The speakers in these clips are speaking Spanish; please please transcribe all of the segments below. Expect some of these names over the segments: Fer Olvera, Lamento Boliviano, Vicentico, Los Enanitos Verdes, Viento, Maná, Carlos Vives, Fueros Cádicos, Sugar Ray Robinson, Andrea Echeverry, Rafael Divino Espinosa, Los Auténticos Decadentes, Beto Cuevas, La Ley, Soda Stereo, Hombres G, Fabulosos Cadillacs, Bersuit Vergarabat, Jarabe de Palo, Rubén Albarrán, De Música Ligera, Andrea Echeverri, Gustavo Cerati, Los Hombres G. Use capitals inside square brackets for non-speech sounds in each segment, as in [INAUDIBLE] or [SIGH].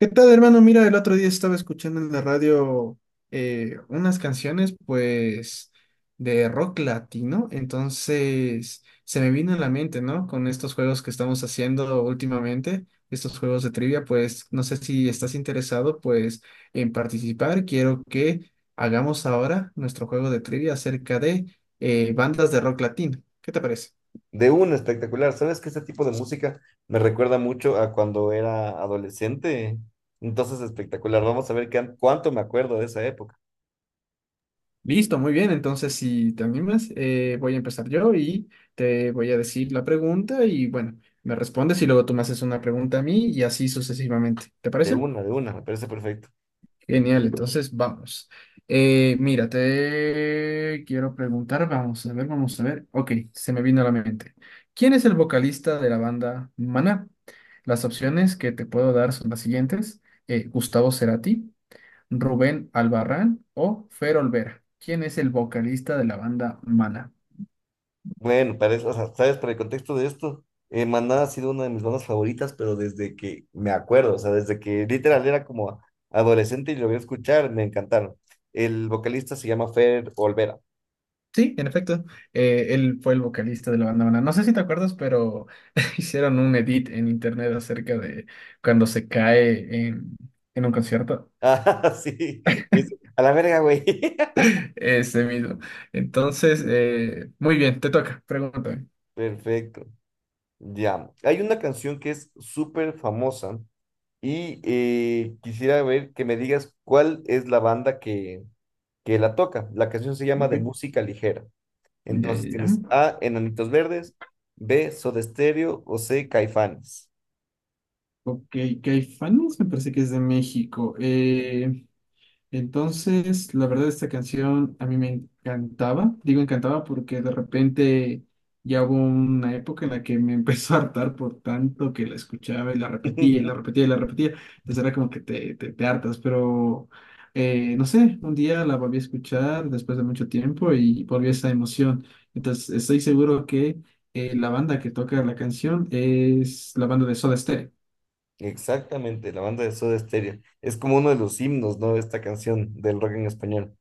¿Qué tal, hermano? Mira, el otro día estaba escuchando en la radio unas canciones, pues, de rock latino. Entonces, se me vino a la mente, ¿no? Con estos juegos que estamos haciendo últimamente, estos juegos de trivia, pues, no sé si estás interesado, pues, en participar. Quiero que hagamos ahora nuestro juego de trivia acerca de bandas de rock latino. ¿Qué te parece? De una, espectacular. ¿Sabes que este tipo de música me recuerda mucho a cuando era adolescente? Entonces, espectacular. Vamos a ver qué, cuánto me acuerdo de esa época. Listo, muy bien. Entonces, si te animas, voy a empezar yo y te voy a decir la pregunta y bueno, me respondes y luego tú me haces una pregunta a mí y así sucesivamente. ¿Te parece? De una, me parece perfecto. Genial, entonces vamos. Mira, te quiero preguntar, vamos a ver, vamos a ver. Ok, se me vino a la mente. ¿Quién es el vocalista de la banda Maná? Las opciones que te puedo dar son las siguientes. Gustavo Cerati. Rubén Albarrán o Fer Olvera, quien es el vocalista de la banda Mana? Bueno, parece, o sea, sabes, para el contexto de esto, Maná ha sido una de mis bandas favoritas, pero desde que me acuerdo, o sea, desde que literal era como adolescente y lo voy a escuchar, me encantaron. El vocalista se llama Fer Olvera. [LAUGHS] Sí, en efecto, él fue el vocalista de la banda Mana. No sé si te acuerdas, pero [LAUGHS] hicieron un edit en internet acerca de cuando se cae en un concierto. Ah, sí. Es- a la verga, güey. [LAUGHS] Ese mismo. Entonces, muy bien, te toca, pregúntame. Perfecto. Ya, hay una canción que es súper famosa y quisiera ver que me digas cuál es la banda que la toca. La canción se llama De Ok, Música Ligera. ya, Entonces ya, tienes ya. A, Enanitos Verdes, B, Soda Stereo o C, Caifanes. Ok, Caifanes me parece que es de México. Entonces, la verdad, esta canción a mí me encantaba. Digo encantaba porque de repente ya hubo una época en la que me [LAUGHS] empezó a hartar por tanto que la escuchaba y la repetía y la [LAUGHS] repetía y la repetía. Entonces era como que te hartas, pero no sé, un día la volví a escuchar después de mucho tiempo y volví a esa emoción. Entonces, estoy seguro que la banda que toca la canción es la banda de Soda Stereo. Exactamente, la banda de Soda Stereo. Es como uno de los himnos, ¿no? Esta canción del rock en español.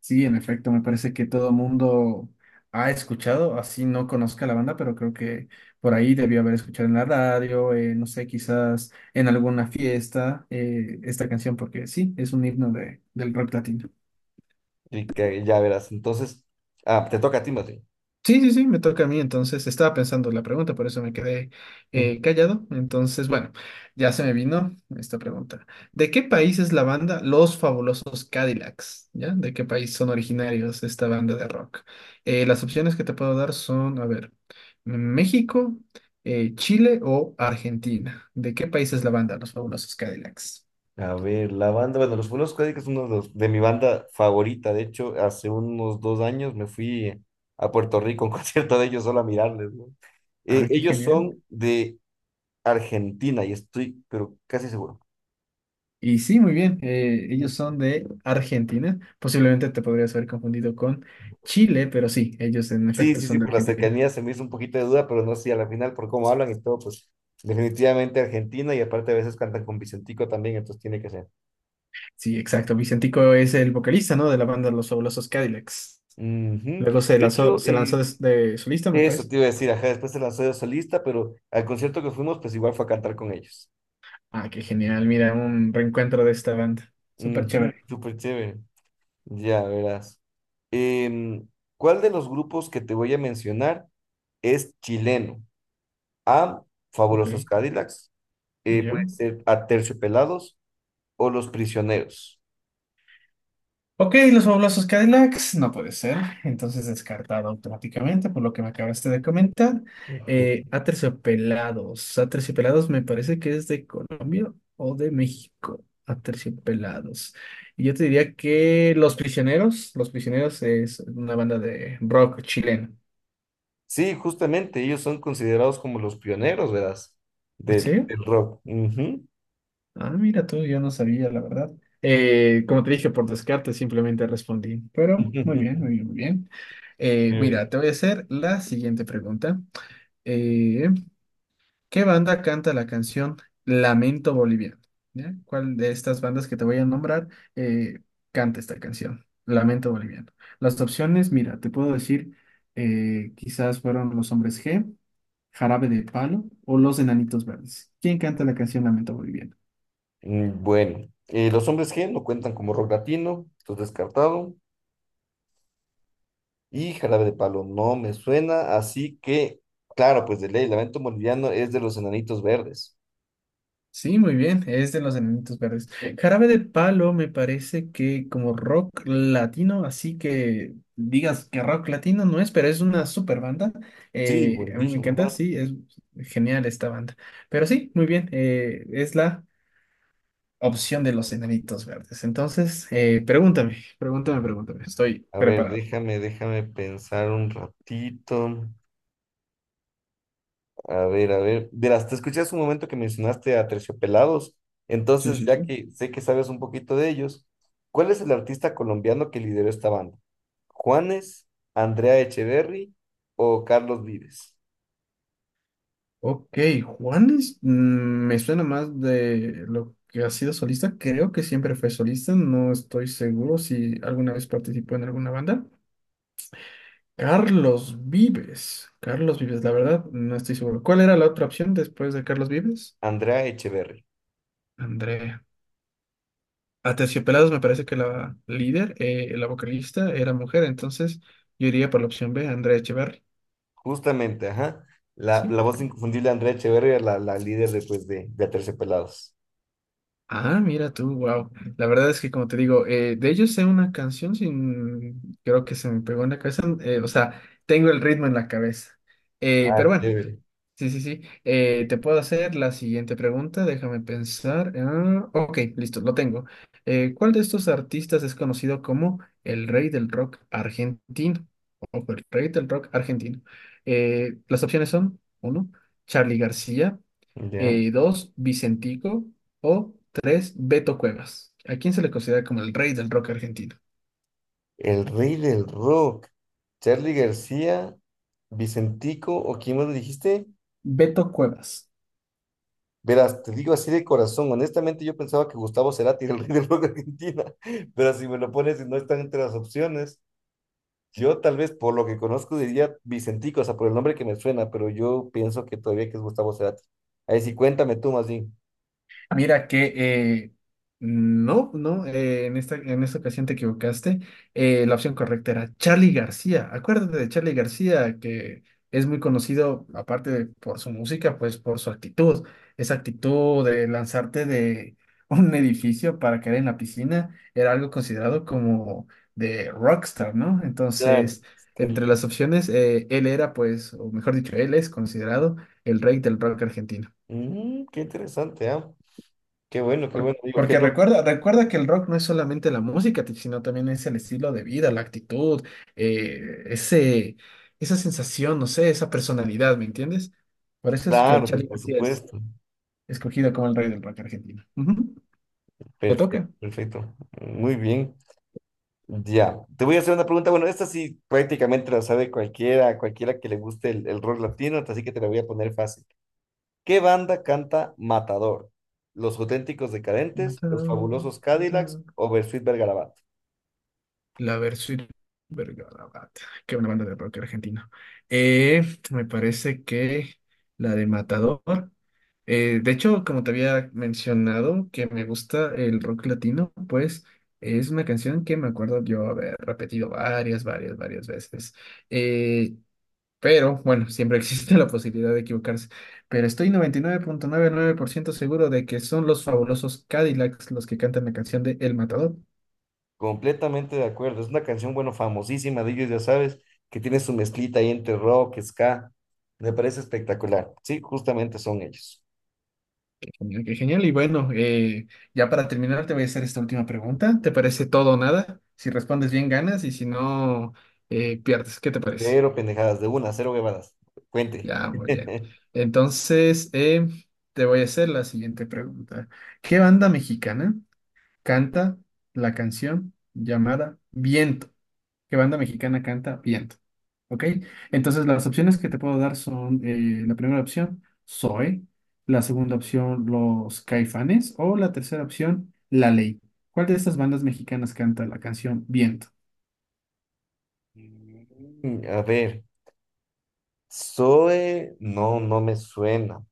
Sí, en efecto, me parece que todo mundo ha escuchado, así no conozca la banda, pero creo que por ahí debió haber escuchado en la radio, no sé, quizás en alguna fiesta, esta canción, porque sí, es un himno de, del rock latino. Y que ya verás. Entonces, ah, te toca a ti, Mati. Sí, sí, sí, me toca a mí, entonces estaba pensando la pregunta, por eso me quedé [LAUGHS] callado. Entonces, bueno, ya se me vino esta pregunta. ¿De qué país es la banda Los Fabulosos Cadillacs? ¿Ya? ¿De qué país son originarios esta banda de rock? Las opciones que te puedo dar son, a ver, México, Chile o Argentina. ¿De qué país es la banda Los Fabulosos Cadillacs? A ver, la banda, bueno, los Fueros Cádicos es uno de, los- de mi banda favorita. De hecho, hace unos 2 años me fui a Puerto Rico a un [LAUGHS] concierto de ellos solo a mirarles, ¿no? Ah, qué Ellos genial. son de Argentina y estoy, pero casi seguro. Y sí, muy bien. Ellos [LAUGHS] son de Argentina. Posiblemente te podrías haber confundido con Chile, pero sí, ellos en Sí, efecto sí, sí, son de por la Argentina. cercanía se me hizo un poquito de duda, pero no sé, a la final por cómo hablan y todo, pues definitivamente Argentina y aparte a veces cantan con Vicentico también, entonces tiene que ser. Sí, exacto. Vicentico es el vocalista, ¿no? De la banda Los Fabulosos Cadillacs. Ujú. Luego De hecho, se lanzó de solista, me eso parece. te iba a decir, ajá, después se lanzó de solista, pero al concierto que fuimos, pues igual fue a cantar con ellos. Ah, qué genial. Mira, un reencuentro de esta banda. Súper Ujú, chévere. súper chévere. Ya verás. Em, ¿Cuál de los grupos que te voy a mencionar es chileno? A. Fabulosos Ok. Cadillacs. Puede ¿Yo? ser Aterciopelados o Los Prisioneros. Ok, los fabulosos Cadillacs, no puede ser. Entonces descartado automáticamente por lo que me acabaste de comentar. Ujú. Aterciopelados. Aterciopelados me parece que es de Colombia o de México. Aterciopelados. Y yo te diría que Los Prisioneros. Los Prisioneros es una banda de rock chileno. Sí, justamente, ellos son considerados como los pioneros, ¿verdad? ¿En Del, serio? del rock. Ujú. Ah, mira tú, yo no sabía, la verdad. Como te dije, por descarte simplemente respondí. Pero muy bien, muy [LAUGHS] bien, muy bien. Mira, Chévere. te voy a hacer la siguiente pregunta. Eh, ¿Qué banda canta la canción Lamento Boliviano? ¿Ya? ¿Cuál de estas bandas que te voy a nombrar eh, canta esta canción? Lamento Boliviano. Las opciones, mira, te puedo decir, quizás fueron Los Hombres G, Jarabe de Palo o Los Enanitos Verdes. ¿Quién canta la canción Lamento Boliviano? Mm, bueno, los hombres G no cuentan como rock latino, esto es descartado. Y jarabe de palo, no me suena, así que, claro, pues de ley, Lamento Boliviano es de los Enanitos Verdes. Sí, muy bien, es de los Enanitos Verdes. Jarabe de Palo me parece que como rock latino, así que digas que rock latino no es, pero es una super banda. Sí, A mí me buenísimo, encanta, ¿verdad? sí, es genial esta banda. Pero sí, muy bien, es la opción de los Enanitos Verdes. Entonces, pregúntame, pregúntame, pregúntame, estoy A ver, preparado. déjame pensar un ratito. A ver, a ver. De te escuché hace un momento que mencionaste a Terciopelados, Sí, entonces sí, ya sí. que sé que sabes un poquito de ellos, ¿cuál es el artista colombiano que lideró esta banda? ¿Juanes, Andrea Echeverry o Carlos Vives? Ok, Juanes, mm, me suena más de lo que ha sido solista. Creo que siempre fue solista, no estoy seguro si alguna vez participó en alguna banda. Carlos Vives, la verdad, no estoy seguro. ¿Cuál era la otra opción después de Carlos Vives? Andrea Echeverry. Andrea. Aterciopelados me parece que la líder, la vocalista, era mujer, entonces yo iría por la opción B, Andrea Echeverri. Justamente, ajá. La, ¿Sí? la voz inconfundible de Andrea Echeverría, la líder de, pues, de Aterciopelados. Ah, mira tú, wow. La verdad es que como te digo, de ellos sé una canción sin, creo que se me pegó en la cabeza, o sea, tengo el ritmo en la cabeza. Ah, Pero bueno, chévere. sí, sí, sí. Te puedo hacer la siguiente pregunta, déjame pensar. Ah, ok, listo, lo tengo. ¿Cuál de estos artistas es conocido como el rey del rock argentino? O el rey del rock argentino. Las opciones son, uno, Charly García Ya. Dos, Vicentico o tres, Beto Cuevas. ¿A quién se le considera como el rey del rock argentino? El rey del rock. Charly García, Vicentico, ¿o quién más me dijiste? Beto Cuevas. Verás, te digo así de corazón, honestamente yo pensaba que Gustavo Cerati era el rey del rock de Argentina, [LAUGHS] pero si me lo pones y no están entre las opciones, yo tal vez por lo que conozco diría Vicentico, o sea, por el nombre que me suena, pero yo pienso que todavía que es Gustavo Cerati. Ahí sí, cuéntame tú más bien. Mira que no, no, en esta ocasión te equivocaste. La opción correcta era Charly García. Acuérdate de Charly García, que es muy conocido, aparte de por su música, pues por su actitud. Esa actitud de lanzarte de [LAUGHS] un edificio para caer en la piscina era algo considerado como de rockstar, ¿no? Claro. Entonces, entre las opciones, él era, pues, o mejor dicho, él es considerado el rey del rock argentino. Mm, qué interesante, ¿ah? Qué bueno, qué bueno. Digo, qué Porque loco. recuerda, recuerda que el rock no es solamente la música, sino también es el estilo de vida, la actitud, eh, ese, esa sensación, no sé, esa personalidad, ¿me entiendes? Por eso es que Claro, pues Charlie por García es supuesto. escogido como el rey del rock argentino. Ujú. Te Perfecto, toca. perfecto. Muy bien. Ya, te voy a hacer una pregunta. Bueno, esta sí prácticamente la sabe cualquiera, cualquiera que le guste el rock latino, así que te la voy a poner fácil. ¿Qué banda canta Matador? ¿Los Auténticos Decadentes, Los Mataron, Fabulosos Cadillacs mataron. o Bersuit Vergarabat? La Versuit Vergarabat. Qué buena banda de rock argentino. Eh, me parece que la de Matador. De hecho, como te había mencionado que me gusta el rock latino, pues es una canción que me acuerdo yo haber repetido varias veces. Eh, pero bueno, siempre [LAUGHS] existe la posibilidad de equivocarse. Pero estoy 99.99% seguro de que son los fabulosos Cadillacs los que cantan la canción de El Matador. Completamente de acuerdo. Es una canción, bueno, famosísima de ellos, ya sabes, que tiene su mezclita ahí entre rock, ska. Me parece espectacular. Sí, justamente son ellos. Genial, qué genial. Y bueno, ya para terminar te voy a hacer esta última pregunta. ¿Te parece todo o nada? Si respondes bien, ganas y si no, pierdes. ¿Qué te parece? Cero pendejadas, de una, cero huevadas. Cuente. Ya, muy bien. [LAUGHS] Entonces, te voy a hacer la siguiente pregunta. ¿Qué banda mexicana canta la canción llamada Viento? ¿Qué banda mexicana canta Viento? ¿Ok? Entonces las opciones que te puedo dar son la primera opción, Zoe, la segunda opción, los Caifanes, o la tercera opción, La Ley. ¿Cuál de estas bandas mexicanas canta la canción Viento? Mm, a ver, Zoe, no, no me suena.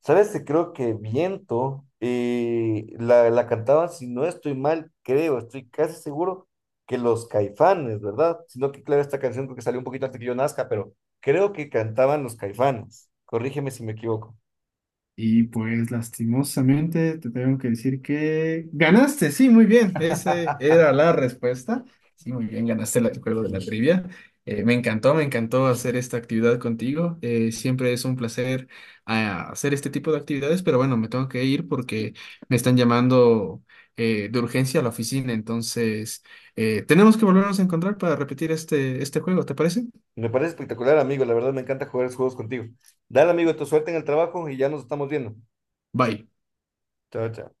¿Sabes? Que creo que Viento la cantaban, si no estoy mal, creo, estoy casi seguro que los Caifanes, ¿verdad? Sino que, claro, esta canción creo que salió un poquito antes que yo nazca, pero creo que cantaban los Caifanes. Corrígeme si me equivoco. Y pues lastimosamente te tengo que decir que ganaste, sí, muy bien, esa [LAUGHS] era la respuesta. Sí, muy bien, ganaste el juego de la trivia. Me encantó hacer esta actividad contigo. Siempre es un placer hacer este tipo de actividades, pero bueno, me tengo que ir porque me están llamando de urgencia a la oficina. Entonces, tenemos que volvernos a encontrar para repetir este juego, ¿te parece? Me parece espectacular, amigo. La verdad me encanta jugar esos juegos contigo. Dale, amigo, tu suerte en el trabajo y ya nos estamos viendo. Bye. Chao, chao.